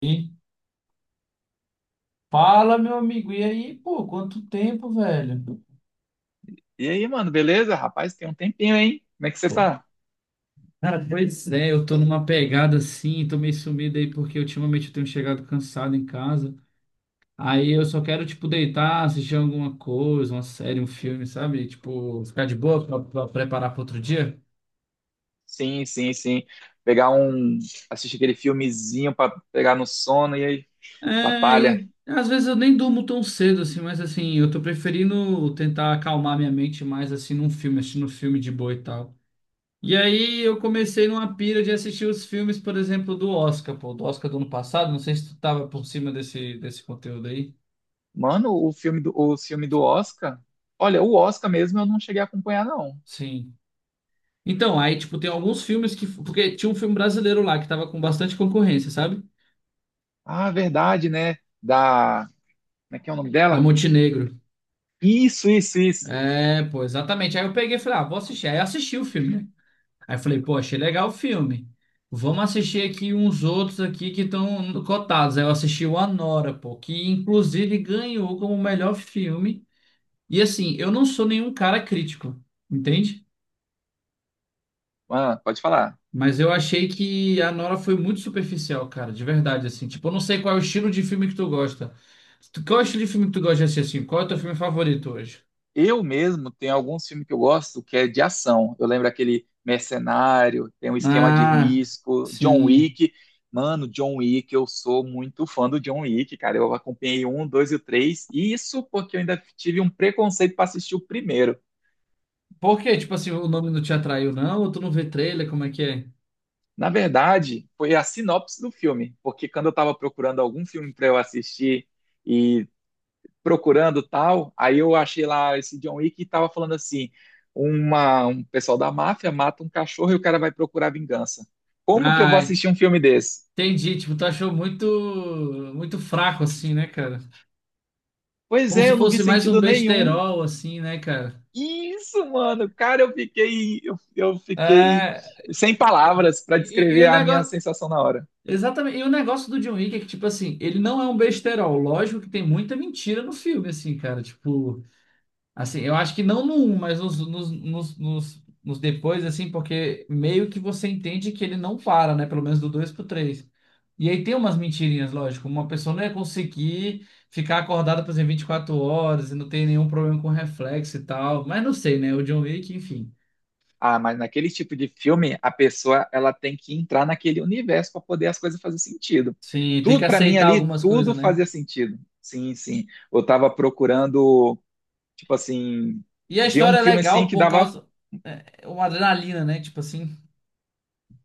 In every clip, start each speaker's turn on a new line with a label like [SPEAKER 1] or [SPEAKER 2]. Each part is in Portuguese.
[SPEAKER 1] E fala, meu amigo. E aí, pô, quanto tempo, velho?
[SPEAKER 2] E aí, mano, beleza? Rapaz, tem um tempinho, hein? Como é que você
[SPEAKER 1] Pô.
[SPEAKER 2] tá?
[SPEAKER 1] Cara, pois é, eu tô numa pegada assim, tô meio sumido aí porque ultimamente eu tenho chegado cansado em casa. Aí eu só quero, tipo, deitar, assistir alguma coisa, uma série, um filme, sabe? Tipo, ficar de boa pra preparar para outro dia.
[SPEAKER 2] Sim, sim, sim. Pegar um. Assistir aquele filmezinho pra pegar no sono e aí,
[SPEAKER 1] É,
[SPEAKER 2] batalha.
[SPEAKER 1] e às vezes eu nem durmo tão cedo assim, mas assim, eu tô preferindo tentar acalmar minha mente mais assim num filme, assistindo um filme de boa e tal. E aí eu comecei numa pira de assistir os filmes, por exemplo, do Oscar, pô, do Oscar do ano passado. Não sei se tu tava por cima desse conteúdo aí.
[SPEAKER 2] Mano, o filme do Oscar. Olha, o Oscar mesmo eu não cheguei a acompanhar, não.
[SPEAKER 1] Sim. Então, aí, tipo, tem alguns filmes que. Porque tinha um filme brasileiro lá que tava com bastante concorrência, sabe?
[SPEAKER 2] Ah, verdade, né? Da. Como é que é o nome
[SPEAKER 1] Da
[SPEAKER 2] dela?
[SPEAKER 1] Montenegro.
[SPEAKER 2] Isso, isso, isso.
[SPEAKER 1] É, pô, exatamente. Aí eu peguei e falei, ah, vou assistir. Aí eu assisti o filme, né? Aí eu falei, pô, achei legal o filme. Vamos assistir aqui uns outros aqui que estão cotados. Aí eu assisti o Anora, pô, que inclusive ganhou como melhor filme. E assim, eu não sou nenhum cara crítico, entende?
[SPEAKER 2] Mano, pode falar.
[SPEAKER 1] Mas eu achei que a Nora foi muito superficial, cara, de verdade, assim. Tipo, eu não sei qual é o estilo de filme que tu gosta. Qual é o estilo de filme que tu gosta de assistir, assim? Qual é o teu filme favorito hoje?
[SPEAKER 2] Eu mesmo tenho alguns filmes que eu gosto que é de ação. Eu lembro aquele Mercenário, tem um esquema de
[SPEAKER 1] Ah,
[SPEAKER 2] risco, John
[SPEAKER 1] sim.
[SPEAKER 2] Wick. Mano, John Wick, eu sou muito fã do John Wick, cara. Eu acompanhei um, dois e o três. E isso porque eu ainda tive um preconceito para assistir o primeiro.
[SPEAKER 1] Por quê? Tipo assim, o nome não te atraiu, não? Ou tu não vê trailer? Como é que é?
[SPEAKER 2] Na verdade, foi a sinopse do filme, porque quando eu estava procurando algum filme para eu assistir e procurando tal. Aí eu achei lá esse John Wick e tava falando assim: um pessoal da máfia mata um cachorro e o cara vai procurar vingança. Como que eu vou
[SPEAKER 1] Ah, é.
[SPEAKER 2] assistir um filme desse?
[SPEAKER 1] Entendi. Tipo, tu achou muito, muito fraco, assim, né, cara?
[SPEAKER 2] Pois
[SPEAKER 1] Como
[SPEAKER 2] é,
[SPEAKER 1] se
[SPEAKER 2] eu não vi
[SPEAKER 1] fosse mais um
[SPEAKER 2] sentido nenhum.
[SPEAKER 1] besterol, assim, né, cara?
[SPEAKER 2] Isso, mano, cara, eu fiquei
[SPEAKER 1] É.
[SPEAKER 2] sem palavras para
[SPEAKER 1] E
[SPEAKER 2] descrever
[SPEAKER 1] o
[SPEAKER 2] a minha
[SPEAKER 1] negócio.
[SPEAKER 2] sensação na hora.
[SPEAKER 1] Exatamente. E o negócio do John Wick é que, tipo assim, ele não é um besterol. Lógico que tem muita mentira no filme, assim, cara. Tipo, assim, eu acho que não no um mas nos depois, assim, porque meio que você entende que ele não para, né? Pelo menos do 2 pro três. E aí tem umas mentirinhas, lógico. Uma pessoa não ia conseguir ficar acordada, por exemplo, 24 horas e não tem nenhum problema com reflexo e tal. Mas não sei, né? O John Wick, enfim.
[SPEAKER 2] Ah, mas naquele tipo de filme, a pessoa ela tem que entrar naquele universo para poder as coisas fazer sentido.
[SPEAKER 1] Sim, tem que
[SPEAKER 2] Tudo para mim
[SPEAKER 1] aceitar
[SPEAKER 2] ali,
[SPEAKER 1] algumas coisas,
[SPEAKER 2] tudo
[SPEAKER 1] né?
[SPEAKER 2] fazia sentido. Sim, sim. Eu estava procurando. Tipo assim,
[SPEAKER 1] E a
[SPEAKER 2] ver um
[SPEAKER 1] história é
[SPEAKER 2] filme assim
[SPEAKER 1] legal
[SPEAKER 2] que
[SPEAKER 1] por
[SPEAKER 2] dava
[SPEAKER 1] causa. É é uma adrenalina, né? Tipo assim.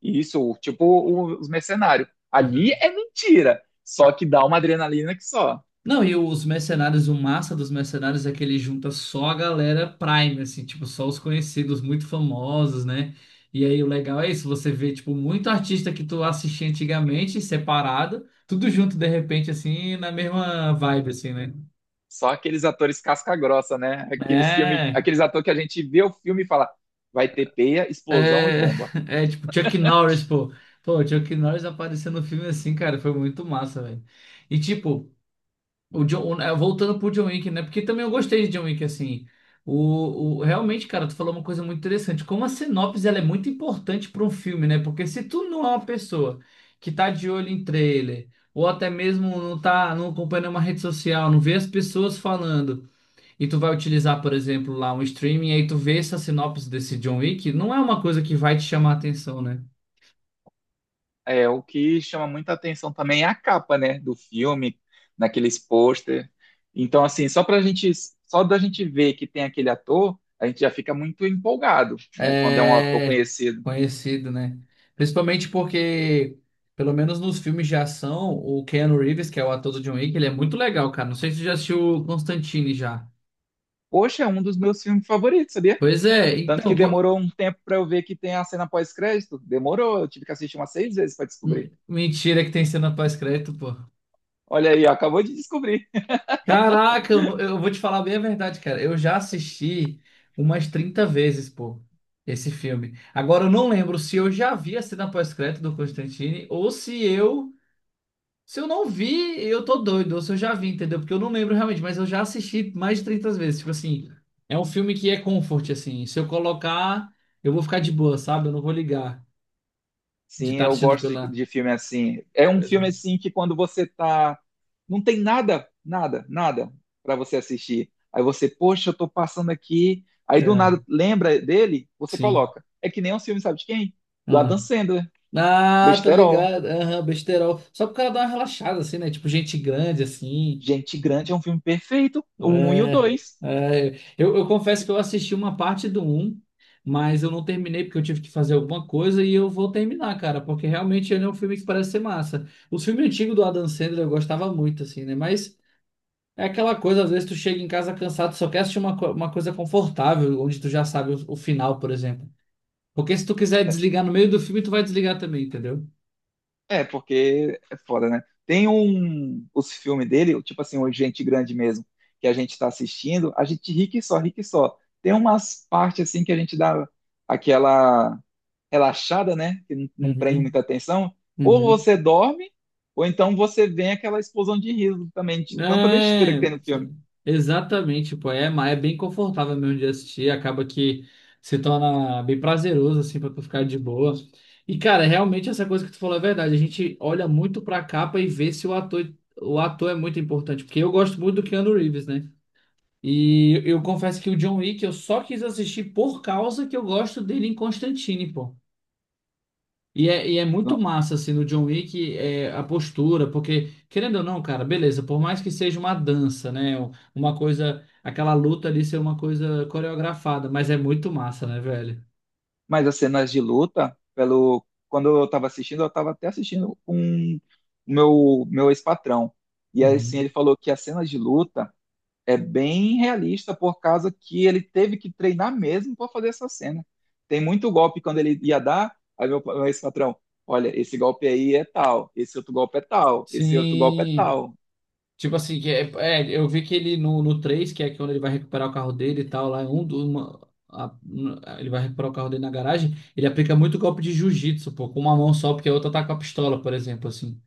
[SPEAKER 2] isso, tipo os mercenários. Ali
[SPEAKER 1] Uhum.
[SPEAKER 2] é mentira, só que dá uma adrenalina que só.
[SPEAKER 1] Não, e os mercenários, o massa dos mercenários é que ele junta só a galera Prime, assim, tipo, só os conhecidos, muito famosos, né? E aí o legal é isso, você vê, tipo, muito artista que tu assistia antigamente, separado, tudo junto de repente, assim, na mesma vibe, assim, né?
[SPEAKER 2] Só aqueles atores casca-grossa, né? Aqueles filme,
[SPEAKER 1] É,
[SPEAKER 2] aqueles atores que a gente vê o filme e fala, vai ter peia, explosão e
[SPEAKER 1] é,
[SPEAKER 2] bomba.
[SPEAKER 1] é tipo Chuck Norris, pô. Pô, Chuck Norris apareceu no filme assim, cara, foi muito massa, velho. E tipo. O John, é, voltando pro John Wick, né? Porque também eu gostei de John Wick, assim. Realmente, cara, tu falou uma coisa muito interessante. Como a sinopse, ela é muito importante para um filme, né? Porque se tu não é uma pessoa que tá de olho em trailer, ou até mesmo não tá, não acompanha uma rede social, não vê as pessoas falando, e tu vai utilizar, por exemplo, lá um streaming, e aí tu vê essa sinopse desse John Wick, não é uma coisa que vai te chamar a atenção, né?
[SPEAKER 2] É, o que chama muita atenção também é a capa, né, do filme, naqueles pôster. Então, assim, só da gente ver que tem aquele ator, a gente já fica muito empolgado, né, quando é um ator
[SPEAKER 1] É
[SPEAKER 2] conhecido.
[SPEAKER 1] conhecido, né? Principalmente porque, pelo menos nos filmes de ação, o Keanu Reeves, que é o ator do John Wick, ele é muito legal, cara. Não sei se você já assistiu o Constantine já.
[SPEAKER 2] Poxa, é um dos meus filmes favoritos, sabia?
[SPEAKER 1] Pois é,
[SPEAKER 2] Tanto que
[SPEAKER 1] então.
[SPEAKER 2] demorou um tempo pra eu ver que tem a cena pós-crédito. Demorou, eu tive que assistir umas seis vezes pra descobrir.
[SPEAKER 1] Mentira que tem cena pós-crédito, pô.
[SPEAKER 2] Olha aí, ó, acabou de descobrir.
[SPEAKER 1] Caraca, eu, não- eu vou te falar bem a verdade, cara. Eu já assisti umas 30 vezes, pô, esse filme. Agora eu não lembro se eu já vi a cena pós-crédito do Constantine ou se eu. Se eu não vi, eu tô doido, ou se eu já vi, entendeu? Porque eu não lembro realmente, mas eu já assisti mais de 30 vezes. Tipo assim, é um filme que é comfort, assim. Se eu colocar, eu vou ficar de boa, sabe? Eu não vou ligar de
[SPEAKER 2] Sim,
[SPEAKER 1] estar
[SPEAKER 2] eu
[SPEAKER 1] assistindo
[SPEAKER 2] gosto
[SPEAKER 1] pela.
[SPEAKER 2] de filme assim. É um
[SPEAKER 1] Pois
[SPEAKER 2] filme
[SPEAKER 1] é.
[SPEAKER 2] assim que quando você tá. Não tem nada, nada, nada pra você assistir. Aí você, poxa, eu tô passando aqui. Aí do
[SPEAKER 1] É,
[SPEAKER 2] nada lembra dele, você
[SPEAKER 1] sim.
[SPEAKER 2] coloca. É que nem um filme, sabe de quem? Do Adam
[SPEAKER 1] Ah.
[SPEAKER 2] Sandler.
[SPEAKER 1] Ah, tá
[SPEAKER 2] Besterol.
[SPEAKER 1] ligado. Aham, besterol. Só pro cara dar uma relaxada, assim, né? Tipo, gente grande, assim.
[SPEAKER 2] Gente Grande é um filme perfeito, o um e o
[SPEAKER 1] É,
[SPEAKER 2] dois.
[SPEAKER 1] é, eu confesso que eu assisti uma parte do um, mas eu não terminei porque eu tive que fazer alguma coisa e eu vou terminar, cara, porque realmente ele é um filme que parece ser massa. Os filmes antigos do Adam Sandler eu gostava muito, assim, né? Mas é aquela coisa, às vezes tu chega em casa cansado, tu só quer assistir uma coisa confortável, onde tu já sabe o final, por exemplo. Porque se tu quiser desligar no meio do filme, tu vai desligar também, entendeu?
[SPEAKER 2] É, porque é foda, né? Tem um, os filmes dele, tipo assim, o Gente Grande mesmo, que a gente tá assistindo, a gente ri que só, ri que só. Tem umas partes assim que a gente dá aquela relaxada, né? Que não prende
[SPEAKER 1] Uhum,
[SPEAKER 2] muita atenção. Ou
[SPEAKER 1] uhum.
[SPEAKER 2] você dorme, ou então você vem aquela explosão de riso também, de tanta besteira que
[SPEAKER 1] É,
[SPEAKER 2] tem no filme.
[SPEAKER 1] exatamente, pô, é, mas é bem confortável mesmo de assistir, acaba que se torna bem prazeroso, assim, pra tu ficar de boa. E, cara, realmente essa coisa que tu falou é verdade, a gente olha muito pra capa e vê se o ator, o ator é muito importante, porque eu gosto muito do Keanu Reeves, né? E eu confesso que o John Wick eu só quis assistir por causa que eu gosto dele em Constantine, pô. É muito
[SPEAKER 2] Não,
[SPEAKER 1] massa, assim, no John Wick, é, a postura, porque, querendo ou não, cara, beleza, por mais que seja uma dança, né? Uma coisa, aquela luta ali ser uma coisa coreografada, mas é muito massa, né, velho?
[SPEAKER 2] mas as cenas de luta, pelo, quando eu tava assistindo, eu tava até assistindo com o meu ex-patrão. E aí, assim,
[SPEAKER 1] Uhum.
[SPEAKER 2] ele falou que as cenas de luta é bem realista por causa que ele teve que treinar mesmo para fazer essa cena. Tem muito golpe quando ele ia dar, aí meu ex-patrão, olha, esse golpe aí é tal, esse outro golpe é tal, esse outro golpe é
[SPEAKER 1] Sim.
[SPEAKER 2] tal.
[SPEAKER 1] Tipo assim, que é, é, eu vi que ele no, no 3 que é quando ele vai recuperar o carro dele e tal, lá, é um, uma, um, ele vai recuperar o carro dele na garagem, ele aplica muito golpe de jiu-jitsu, pô, com uma mão só, porque a outra tá com a pistola, por exemplo, assim.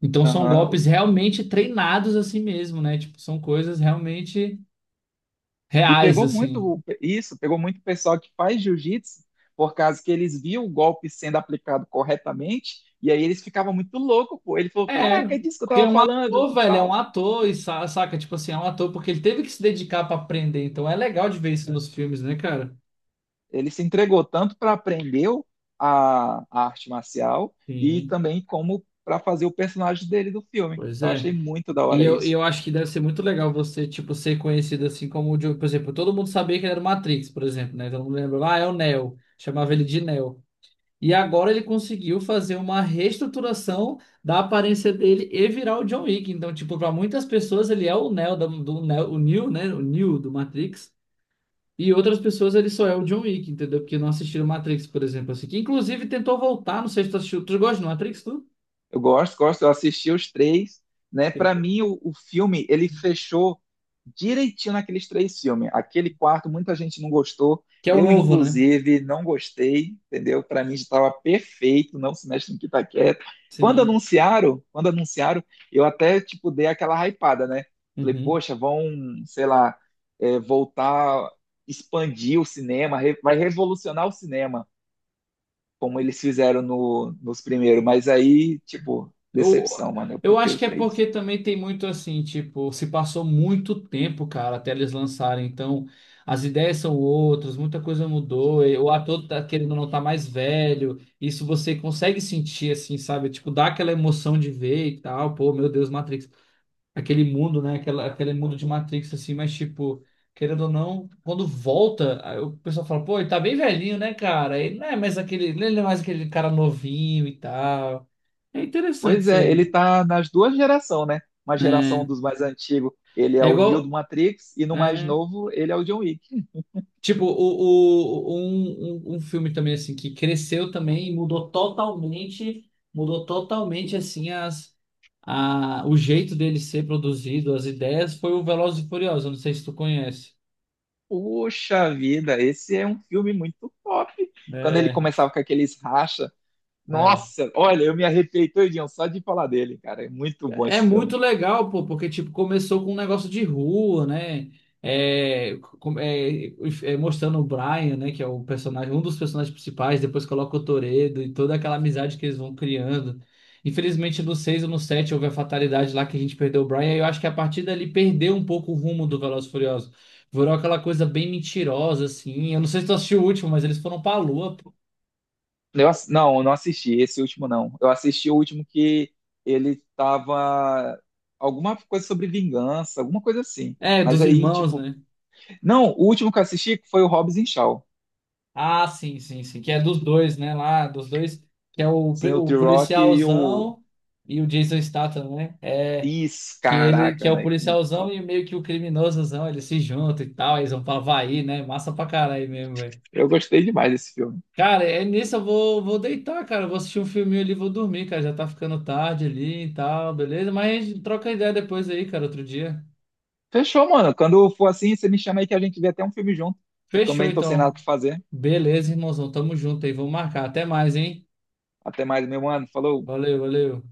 [SPEAKER 1] Então são
[SPEAKER 2] Aham.
[SPEAKER 1] golpes realmente treinados assim mesmo, né? Tipo, são coisas realmente
[SPEAKER 2] E
[SPEAKER 1] reais,
[SPEAKER 2] pegou muito
[SPEAKER 1] assim.
[SPEAKER 2] isso, pegou muito o pessoal que faz jiu-jitsu por causa que eles viam o golpe sendo aplicado corretamente e aí eles ficavam muito loucos, pô. Ele falou,
[SPEAKER 1] É,
[SPEAKER 2] caraca, é disso que eu
[SPEAKER 1] porque é
[SPEAKER 2] tava
[SPEAKER 1] um
[SPEAKER 2] falando
[SPEAKER 1] ator,
[SPEAKER 2] e
[SPEAKER 1] velho, é um
[SPEAKER 2] tal.
[SPEAKER 1] ator, e saca, tipo assim, é um ator, porque ele teve que se dedicar pra aprender. Então é legal de ver isso nos filmes, né, cara?
[SPEAKER 2] Ele se entregou tanto para aprender a arte marcial e
[SPEAKER 1] Sim,
[SPEAKER 2] também como para fazer o personagem dele do filme.
[SPEAKER 1] pois
[SPEAKER 2] Eu
[SPEAKER 1] é.
[SPEAKER 2] achei muito da hora
[SPEAKER 1] E
[SPEAKER 2] isso.
[SPEAKER 1] eu acho que deve ser muito legal você, tipo, ser conhecido assim como o Diogo. Por exemplo, todo mundo sabia que ele era o Matrix, por exemplo, né? Todo mundo lembra, ah, é o Neo. Chamava ele de Neo. E agora ele conseguiu fazer uma reestruturação da aparência dele e virar o John Wick. Então, tipo, para muitas pessoas ele é o Neo do Neo, o Neo, né? O Neo do Matrix. E outras pessoas ele só é o John Wick, entendeu? Porque não assistiram Matrix, por exemplo, assim. Que inclusive tentou voltar, não sei se tu assistiu. Tu gosta do Matrix, tu?
[SPEAKER 2] Eu gosto, gosto. Eu assisti os três, né? Para mim, o filme ele fechou direitinho naqueles três filmes. Aquele quarto, muita gente não gostou.
[SPEAKER 1] Que é o
[SPEAKER 2] Eu,
[SPEAKER 1] novo, né?
[SPEAKER 2] inclusive, não gostei, entendeu? Para mim estava perfeito, não se mexe no que tá quieto.
[SPEAKER 1] Sim.
[SPEAKER 2] Quando anunciaram, eu até tipo dei aquela hypada, né? Falei,
[SPEAKER 1] Uhum.
[SPEAKER 2] poxa, vão, sei lá, é, voltar, expandir o cinema, vai revolucionar o cinema como eles fizeram no, nos primeiros, mas aí, tipo,
[SPEAKER 1] Eu,
[SPEAKER 2] decepção, mano, eu
[SPEAKER 1] eu
[SPEAKER 2] prefiro
[SPEAKER 1] acho
[SPEAKER 2] o
[SPEAKER 1] que é
[SPEAKER 2] 3.
[SPEAKER 1] porque também tem muito assim, tipo, se passou muito tempo, cara, até eles lançarem. Então, as ideias são outras, muita coisa mudou. E o ator tá querendo ou não tá mais velho. Isso você consegue sentir, assim, sabe? Tipo, dá aquela emoção de ver e tal. Pô, meu Deus, Matrix. Aquele mundo, né? Aquela, aquele mundo de Matrix, assim, mas tipo. Querendo ou não, quando volta, aí o pessoal fala, pô, ele tá bem velhinho, né, cara? Ele não é mais aquele, ele não é mais aquele cara novinho e tal. É interessante
[SPEAKER 2] Pois
[SPEAKER 1] isso
[SPEAKER 2] é,
[SPEAKER 1] aí.
[SPEAKER 2] ele tá nas duas gerações, né? Uma geração
[SPEAKER 1] É,
[SPEAKER 2] dos mais antigos, ele é
[SPEAKER 1] é
[SPEAKER 2] o Neo do
[SPEAKER 1] igual.
[SPEAKER 2] Matrix, e no mais
[SPEAKER 1] É.
[SPEAKER 2] novo, ele é o John Wick.
[SPEAKER 1] Tipo, um filme também assim que cresceu também e mudou totalmente assim as, a, o jeito dele ser produzido, as ideias, foi o Velozes e Furiosos. Eu não sei se tu conhece.
[SPEAKER 2] Puxa vida, esse é um filme muito top. Quando ele
[SPEAKER 1] É,
[SPEAKER 2] começava com aqueles racha,
[SPEAKER 1] é.
[SPEAKER 2] nossa, olha, eu me arrepiei todinho só de falar dele, cara, é muito bom
[SPEAKER 1] É
[SPEAKER 2] esse
[SPEAKER 1] muito
[SPEAKER 2] filme.
[SPEAKER 1] legal, pô, porque tipo, começou com um negócio de rua, né? É, com- é, é, mostrando o Brian, né? Que é o personagem, um dos personagens principais, depois coloca o Toredo e toda aquela amizade que eles vão criando. Infelizmente, no 6 ou no 7 houve a fatalidade lá que a gente perdeu o Brian, e eu acho que a partir dali perdeu um pouco o rumo do Velozes e Furiosos. Virou aquela coisa bem mentirosa, assim. Eu não sei se tu assistiu o último, mas eles foram pra lua, pô.
[SPEAKER 2] Eu, não, eu não assisti, esse último não. Eu assisti o último que ele tava. Alguma coisa sobre vingança, alguma coisa assim.
[SPEAKER 1] É,
[SPEAKER 2] Mas
[SPEAKER 1] dos
[SPEAKER 2] aí,
[SPEAKER 1] irmãos,
[SPEAKER 2] tipo.
[SPEAKER 1] né?
[SPEAKER 2] Não, o último que eu assisti foi o Hobbs e Shaw.
[SPEAKER 1] Ah, sim, sim, sim. Que é dos dois, né? Lá, dos dois. Que é
[SPEAKER 2] Sim, o
[SPEAKER 1] o
[SPEAKER 2] T-Rock e o.
[SPEAKER 1] policialzão e o Jason Statham, né? É,
[SPEAKER 2] Isso,
[SPEAKER 1] que ele que
[SPEAKER 2] caraca,
[SPEAKER 1] é o
[SPEAKER 2] moleque. Muito
[SPEAKER 1] policialzão
[SPEAKER 2] top.
[SPEAKER 1] e meio que o criminosozão. Eles se juntam e tal. Eles vão pra Havaí, né? Massa pra caralho mesmo, velho.
[SPEAKER 2] Eu gostei demais desse filme.
[SPEAKER 1] Cara, é nisso eu vou, vou deitar, cara. Eu vou assistir um filminho ali, e vou dormir, cara. Já tá ficando tarde ali e tal, beleza? Mas a gente troca ideia depois aí, cara, outro dia.
[SPEAKER 2] Fechou, mano. Quando for assim, você me chama aí que a gente vê até um filme junto. Eu
[SPEAKER 1] Fechou,
[SPEAKER 2] também tô sem nada
[SPEAKER 1] então.
[SPEAKER 2] pra fazer.
[SPEAKER 1] Beleza, irmãozão. Tamo junto aí. Vamos marcar. Até mais, hein?
[SPEAKER 2] Até mais, meu mano. Falou.
[SPEAKER 1] Valeu, valeu.